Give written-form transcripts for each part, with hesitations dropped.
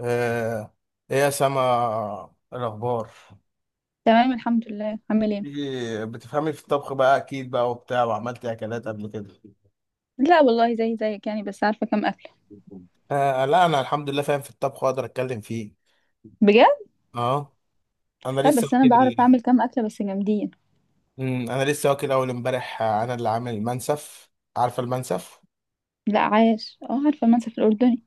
آه، ايه يا سما الاخبار؟ تمام الحمد لله. عامل ايه؟ إيه، بتفهمي في الطبخ بقى اكيد بقى وبتاع وعملتي اكلات قبل كده؟ لا والله زي زيك يعني، بس عارفه كام اكله. آه لا، انا الحمد لله فاهم في الطبخ واقدر اتكلم فيه. بجد. اه، انا لا لسه بس انا واكل. بعرف اعمل كام اكله بس جامدين. انا لسه واكل اول امبارح. انا اللي عامل المنسف. عارفه المنسف؟ لا عايش، اه عارفه المنسف الاردني.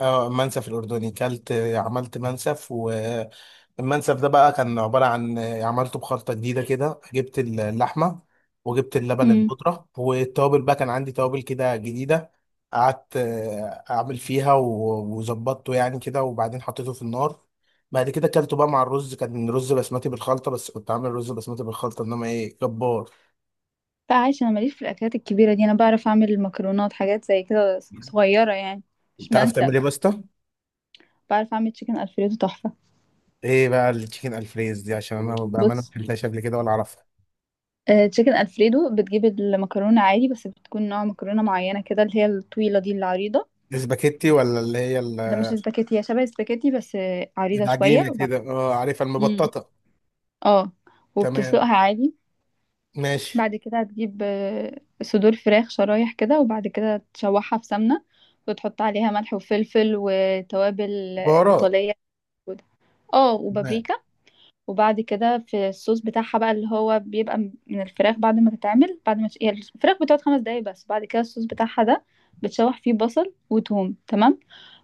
اه، منسف الاردني. كلت عملت منسف، والمنسف ده بقى كان عباره عن عملته بخلطه جديده كده. جبت اللحمه وجبت اللبن امم. البودره والتوابل، بقى كان عندي توابل كده جديده. قعدت اعمل فيها وظبطته يعني كده، وبعدين حطيته في النار. بعد كده اكلته بقى مع الرز. كان رز بسمتي بالخلطه، بس كنت عامل رز بسمتي بالخلطه، انما ايه جبار. لا عايش، انا ماليش في الاكلات الكبيره دي، انا بعرف اعمل المكرونات، حاجات زي كده صغيره يعني، مش انت عارف تعمل منسف. ايه يا باسطى؟ بعرف اعمل تشيكن الفريدو تحفه. ايه بقى التشيكن الفريز دي؟ عشان انا بامانه ما بص، اكلتهاش قبل كده ولا اعرفها. آه تشيكن الفريدو بتجيب المكرونه عادي، بس بتكون نوع مكرونه معينه كده، اللي هي الطويله دي العريضه. الاسباجيتي ولا اللي هي لا مش ال-؟ سباكيتي، هي شبه السباكيتي بس عريضه شويه العجينه كده، اه عارفها امم. المبططه. اه. تمام، وبتسلقها عادي. ماشي. بعد كده هتجيب صدور فراخ شرايح كده، وبعد كده تشوحها في سمنة وتحط عليها ملح وفلفل وتوابل بهارات. إيطالية موجودة. اه، تمام. وبابريكا. وبعد كده في الصوص بتاعها بقى، اللي هو بيبقى من الفراخ بعد ما تتعمل، بعد ما هي الفراخ بتقعد 5 دقايق بس، بعد كده الصوص بتاعها ده بتشوح فيه بصل وتوم، تمام.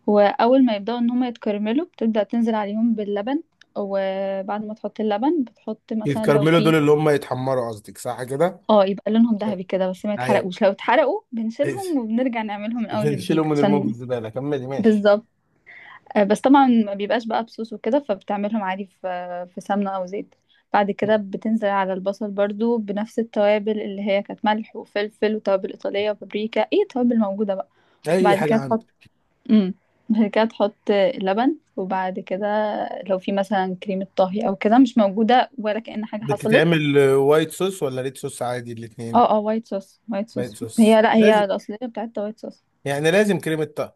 وأول ما يبدأوا إن هما يتكرملوا بتبدأ تنزل عليهم باللبن، وبعد ما تحط اللبن بتحط مثلا لو يتكرملوا دول في. اللي هم يتحمروا، قصدك صح كده؟ اه، يبقى لونهم عشان-. ذهبي كده بس ما ايوه يتحرقوش، لو اتحرقوا بنشيلهم ماشي. وبنرجع نعملهم من اول وجديد شيلهم من المهم في عشان. الزباله، كملي ماشي. بالظبط. بس طبعا ما بيبقاش بقى بصوص وكده، فبتعملهم عادي في في سمنه او زيت. بعد كده بتنزل على البصل برضو بنفس التوابل اللي هي كانت ملح وفلفل وتوابل ايطاليه وبابريكا، ايه توابل موجوده بقى. اي بعد حاجه كده تحط، عندك. امم، بعد كده تحط لبن، وبعد كده لو في مثلا كريمة طهي او كده مش موجودة، ولا كأن حاجة حصلت. بتتعمل وايت صوص ولا ريد صوص؟ عادي الاثنين. اه اه، وايت صوص وايت وايت صوص، صوص هي لا، لازم؟ هي الأصلية بتاعتها وايت صوص. يعني لازم كريمه طهي؟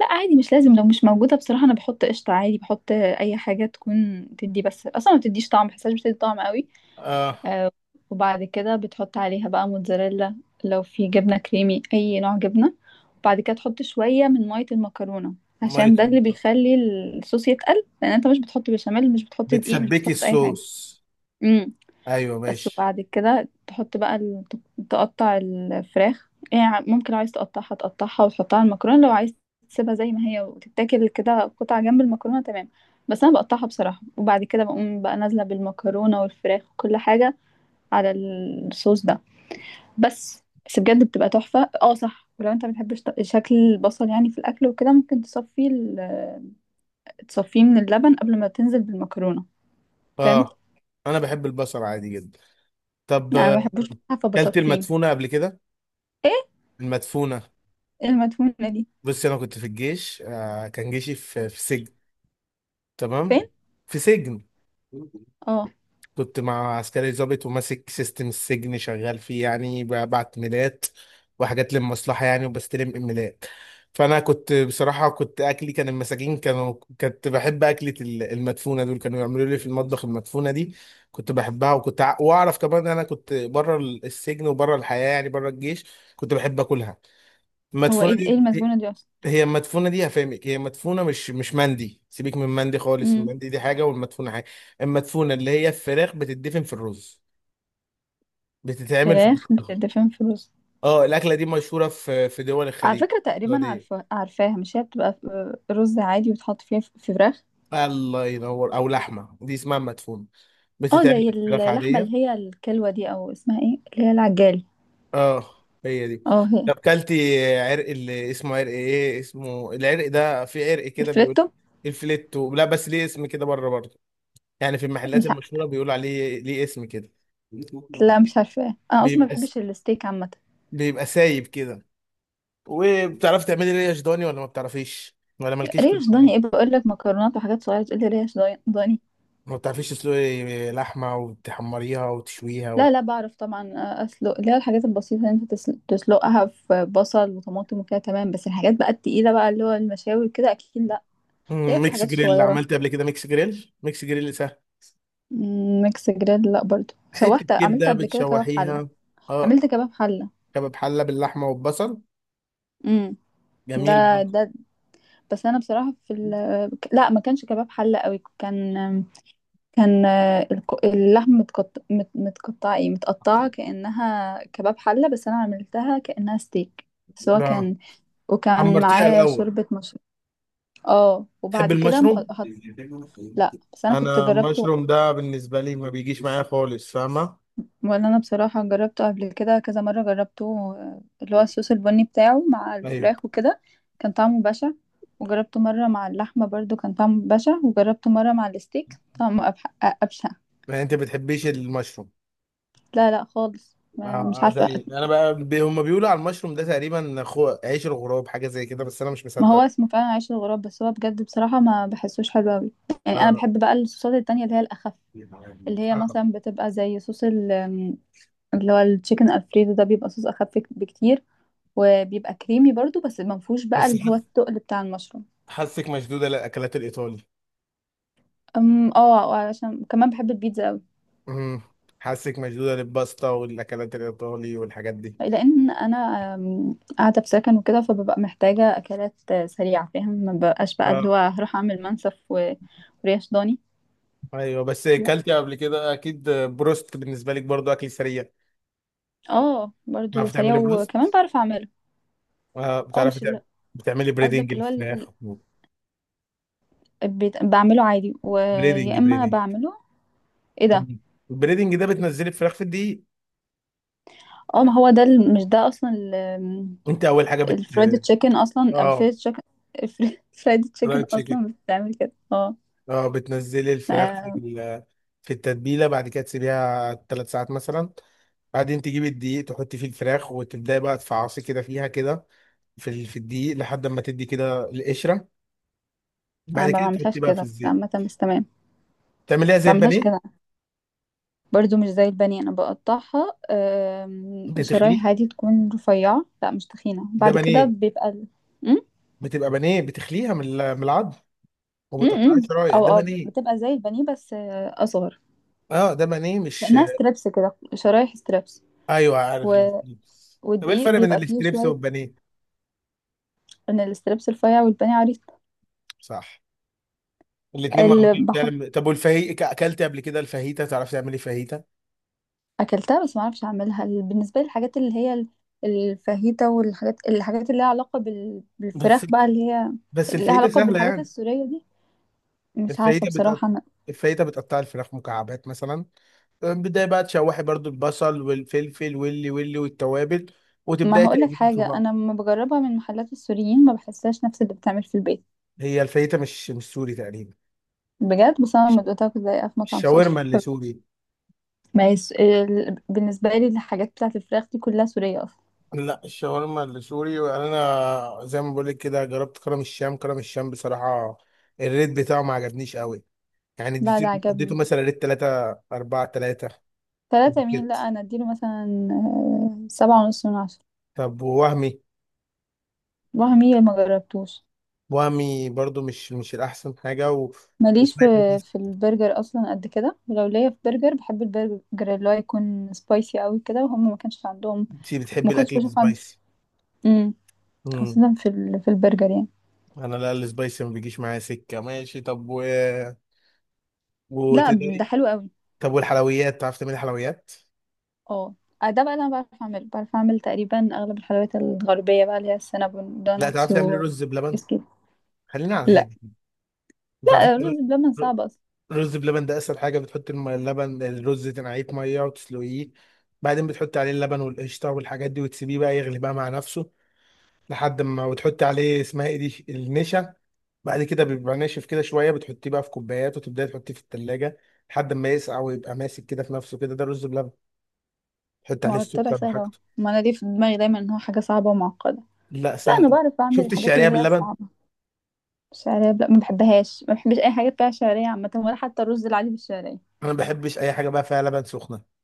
لا عادي مش لازم، لو مش موجودة بصراحة أنا بحط قشطة عادي، بحط أي حاجة تكون تدي، بس أصلا ما بتديش طعم، بحسهاش بتدي طعم قوي. اه، آه. وبعد كده بتحط عليها بقى موتزاريلا، لو في جبنة كريمي أي نوع جبنة. وبعد كده تحط شوية من مية المكرونة، ما عشان يت-. ده اللي بيخلي الصوص يتقل، لأن أنت مش بتحط بشاميل، مش بتحط دقيق، مش بتسبكي بتحط أي حاجة. الصوص. مم. ايوه بس. ماشي. وبعد كده تحط بقى تقطع الفراخ يعني، ممكن لو عايز تقطعها تقطعها وتحطها على المكرونة، لو عايز تسيبها زي ما هي وتتاكل كده قطعة جنب المكرونة، تمام. بس أنا بقطعها بصراحة، وبعد كده بقوم بقى نازلة بالمكرونة والفراخ وكل حاجة على الصوص ده. بس بجد بتبقى تحفة. اه صح، ولو انت مبتحبش شكل البصل يعني في الأكل وكده، ممكن تصفيه تصفيه من اللبن قبل ما تنزل بالمكرونة. فهمت؟ اه، انا بحب البصل عادي جدا. طب، أنا مبحبوش بصراحة كلت فبصفيه. المدفونه قبل كده؟ ايه؟ المدفونه. المدفونة دي؟ بصي، انا كنت في الجيش، كان جيشي في سجن. تمام. فين؟ في سجن. اه. كنت مع عسكري ضابط وماسك سيستم السجن، شغال فيه يعني، ببعت ميلات وحاجات للمصلحة يعني، وبستلم ايميلات. فأنا كنت بصراحة، كنت أكلي كان المساجين كانوا، كنت بحب أكلة المدفونة، دول كانوا يعملوا لي في المطبخ المدفونة دي، كنت بحبها. وكنت وأعرف كمان إن أنا كنت بره السجن وبره الحياة يعني بره الجيش، كنت بحب أكلها، هو المدفونه ايه، دي. ايه المسجونة دي اصلا؟ هي المدفونه دي، هفهمك. هي مدفونه، مش مندي، سيبك من مندي خالص. امم. المندي دي حاجه، والمدفونه حاجه. المدفونه اللي هي الفراخ بتدفن في الرز، بتتعمل في فراخ الفراخ. بتدفن في رز؟ اه، الاكله دي مشهوره في دول على الخليج فكرة تقريبا السعوديه. عارفة، عارفاها، مش هي بتبقى رز عادي وتحط فيها في فراخ. الله ينور، او لحمه دي اسمها مدفونه، اه بتتعمل زي في فراخ اللحمة عاديه. اللي هي الكلوة دي، او اسمها ايه اللي هي العجال. اه، هي دي. اه هي. طب، كلتي عرق اللي اسمه عرق ايه؟ اسمه العرق ده، في عرق كده بيقول. الفريتو. الفليتو، لا بس ليه اسم كده بره برضه؟ يعني في المحلات مش ع... المشهورة بيقولوا عليه ليه اسم كده. لا مش عارفاه انا، اصلا ما بيبقى س... بحبش الستيك عامة. بيبقى سايب كده. وبتعرفي تعملي ريش ضاني ولا ما بتعرفيش، ولا مالكيش في ريش ضاني؟ الضاني؟ ايه بقول لك مكرونات وحاجات صغيرة تقول لي ريش ضاني ضاني. ما بتعرفيش تسلقي لحمة وتحمريها وتشويها و...؟ لا لا بعرف طبعا، اسلق اللي هي الحاجات البسيطة اللي انت تسلقها في بصل وطماطم وكده، تمام. بس الحاجات بقى التقيلة بقى، اللي هو المشاوي كده، اكيد لا. ليه، في ميكس حاجات جريل صغيرة. عملت قبل كده؟ ميكس جريل، ميكس جريل سهل. ميكس جريل، لا برضو حتة شوحت، عملت كبدة قبل كده كباب حلة. بتشوحيها. اه. عملت كباب حلة. كباب حلة باللحمة والبصل. امم. جميل ده برضه. ده بس انا بصراحة في لا ما كانش كباب حلة قوي، كان، كان، اللحم متقطع، متقطع، ايه متقطعة كأنها كباب حلة، بس انا عملتها كأنها ستيك. بس هو اه. كان، وكان حمرتيها معاه الأول. شوربة مشروب. اه، تحب وبعد كده المشروم؟ حط. لا بس انا كنت انا جربته. المشروم ده بالنسبه لي ما بيجيش معايا خالص، فاهمه. وانا بصراحه جربته قبل كده كذا مره جربته، اللي هو الصوص البني بتاعه مع ايوه. الفراخ وكده، كان طعمه بشع. وجربته مره مع اللحمه برضو كان طعمه بشع، وجربته مره مع الستيك طعمه ابشع. يعني انت بتحبيش المشروم؟ لا لا خالص، آه، مش آه، عارفه. زي انا بقى هم بيقولوا على المشروم ده تقريبا، خو... عيش الغراب، حاجه زي كده، بس انا مش ما هو مصدق. اسمه فعلا عيش الغراب، بس هو بجد بصراحه ما بحسوش حلو قوي، يعني انا آه، بحب بقى الصوصات التانية اللي هي الاخف، اللي هي آه. مثلا بتبقى زي اللي هو التشيكن الفريدو ده بيبقى صوص اخف بكتير، وبيبقى كريمي برضو بس ما فيهوش بقى بس حس- اللي هو التقل بتاع المشروم. حاسك مشدوده للاكلات الايطالي. اه علشان كمان بحب البيتزا قوي. امم حاسك مشدوده للباستا والاكلات الايطالي والحاجات دي. لان انا قاعده في سكن وكده، فببقى محتاجه اكلات سريعه فاهم، ما بقاش بقى اللي اه. هو هروح اعمل منسف وريش ضاني. ايوه، بس لا. اكلتي قبل كده اكيد بروست؟ بالنسبه لك برضو اكل سريع. اه برضو بتعرفي سريع، تعملي وكمان بروست؟ بعرف اعمله. اه، اه بتعرفي مش تعملي. ال- بتعملي بريدنج قصدك اللي هو الفراخ؟ بعمله عادي بريدنج، ويا اما بريدنج. بعمله. ايه ده؟ البريدنج ده بتنزلي الفراخ في الدقيق. اه ما هو ده مش ده اصلا انت اول حاجه بت. الفرايد تشيكن، اصلا اه، الفرايد تشيكن، الفرايد تشيكن فرايد تشيكن. اصلا بتتعمل كده اه. اه، بتنزلي الفراخ ما- في التتبيله، بعد كده تسيبيها 3 ساعات مثلا. بعدين تجيبي الدقيق، تحطي فيه الفراخ وتبداي بقى تفعصي كده فيها كده، في ال- في الدقيق لحد ما تدي كده القشره، انا بعد ما كده بعملهاش تحطي بقى في كده الزيت. عامه، بس تمام. تعمليها زي بعملهاش كده البانيه، برضو مش زي البانيه، انا بقطعها شرايح بتخليه. عادي تكون رفيعة، لا مش تخينة، ده بعد كده بانيه، بيبقى م؟ بتبقى بانيه، بتخليها من ال- من العظم م- وبتقطعيها م. شرايح، او ده او بانيه. بتبقى زي البانيه بس اصغر، اه، ده بانيه مش. لانها ستريبس كده، شرايح ستريبس ايوه، عارف و... الستريبس. طب ايه والدقيق الفرق بين بيبقى فيه الستريبس شوية. والبانيه؟ من الستريبس رفيع والبانيه عريض. صح. الاتنين اللي معمولين بحط. فعلا. طب، والفاهيتا اكلت قبل كده؟ الفاهيتا، تعرف تعملي فاهيتا؟ اكلتها بس ما اعرفش اعملها، بالنسبة للحاجات اللي هي الفاهيتا والحاجات، اللي لها علاقة بس بالفراخ بقى اللي هي، بس اللي لها الفاهيتا علاقة سهله بالحاجات يعني. السورية دي، مش عارفة الفاهيتا بتقطع، بصراحة. الفاهيتا بتقطع الفراخ مكعبات مثلا، بداية بقى تشوحي برضو البصل والفلفل واللي واللي والتوابل، ما وتبداي هقولك تقلبي في حاجة، أنا بعض. لما بجربها من محلات السوريين ما بحسهاش نفس اللي بتعمل في البيت. هي الفاهيتا مش سوري تقريبا. بجد، بس أنا الش- لما دقتها كنت زيها في مطعم سوري. الشاورما اللي سوري. ما يس... ال... بالنسبة لي الحاجات بتاعة الفراخ دي كلها سورية أصلا. لا، الشاورما اللي سوري، انا زي ما بقول لك كده جربت كرم الشام. كرم الشام بصراحه الريت بتاعه ما عجبنيش قوي، يعني لا لا، اديته اديته عجبني. مثلا ريت 3 4 3 تلاتة مين؟ كده. لا أنا أديله مثلا 7.5 من 10. طب، ووهمي؟ وهمية ما جربتوش. وهمي برضو مش مش الأحسن حاجة و... ماليش في، وسمعت إن الناس في البرجر أصلا قد كده، ولو ليا في برجر بحب البرجر اللي هو يكون سبايسي قوي كده، وهم ما كانش عندهم. كتير بتحب ما كنتش الأكل بشوف عند. السبايسي. مم. امم خاصة في في البرجر يعني. أنا لا، السبايسي ما بيجيش معايا سكة، ماشي. طب، و... لا، ده وتقدري. حلو قوي. طب، والحلويات، تعرف تعملي حلويات؟ اه. ده بقى اللي انا بعرف اعمله، بعرف اعمل تقريبا اغلب الحلويات الغربيه بقى، اللي هي السينابون، لا، دوناتس، تعرف تعملي و رز بلبن؟ كيك خلينا على لا الهادي. مش عارفين لا تعملي. الرز بلبن ر- صعب اصلا. رز بلبن ده أسهل حاجة. بتحط اللبن، الرز تنقعيه في مية وتسلقيه، بعدين بتحط عليه اللبن والقشطة والحاجات دي وتسيبيه بقى يغلي بقى مع نفسه لحد ما، وتحطي عليه اسمها ايه دي، النشا. بعد كده بيبقى ناشف كده شويه، بتحطيه بقى في كوبايات وتبداي تحطيه في التلاجة لحد ما يسقع ويبقى ماسك كده في نفسه كده، ده رز بلبن. تحط عليه ما هو طلع السكر سهل اهو، وحاجته. ما انا ليه في دماغي دايما ان هو حاجه صعبه ومعقده. لا لا انا سهل. بعرف اعمل شفت الحاجات الشعريه اللي هي باللبن. الصعبه. الشعريه لا ما بحبهاش، ما بحبش اي حاجه فيها شعريه عامه، ولا حتى الرز العادي بالشعريه. انا ما بحبش اي حاجه بقى فيها لبن سخنه،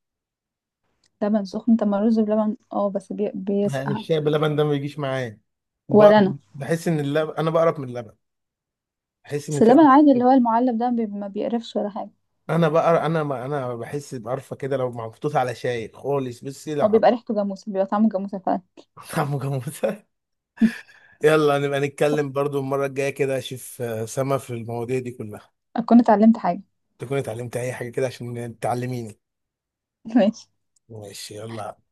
لبن سخن؟ طب ما الرز بلبن، اه بس يعني بيسقع. الشاي باللبن ده ما بيجيش معايا، ولا بقرف. انا. بحس ان اللبن، انا بقرف من اللبن، بحس ان بس في اللبن قرف العادي اللي كده. هو المعلب ده ما بيقرفش ولا حاجه. انا بقر، انا ما انا بحس بقرفه كده لو محطوط على شاي خالص. بصي لو او بيبقى حط. ريحته جاموسه، بيبقى طعمه جاموسه فعلا. عم جاموسه. يلا نبقى نتكلم برضو المرة الجاية كده، أشوف سما في المواضيع دي كلها. اكون اتعلمت حاجه. تكوني اتعلمت أي حاجة كده عشان تعلميني. ماشي. ماشي يلا.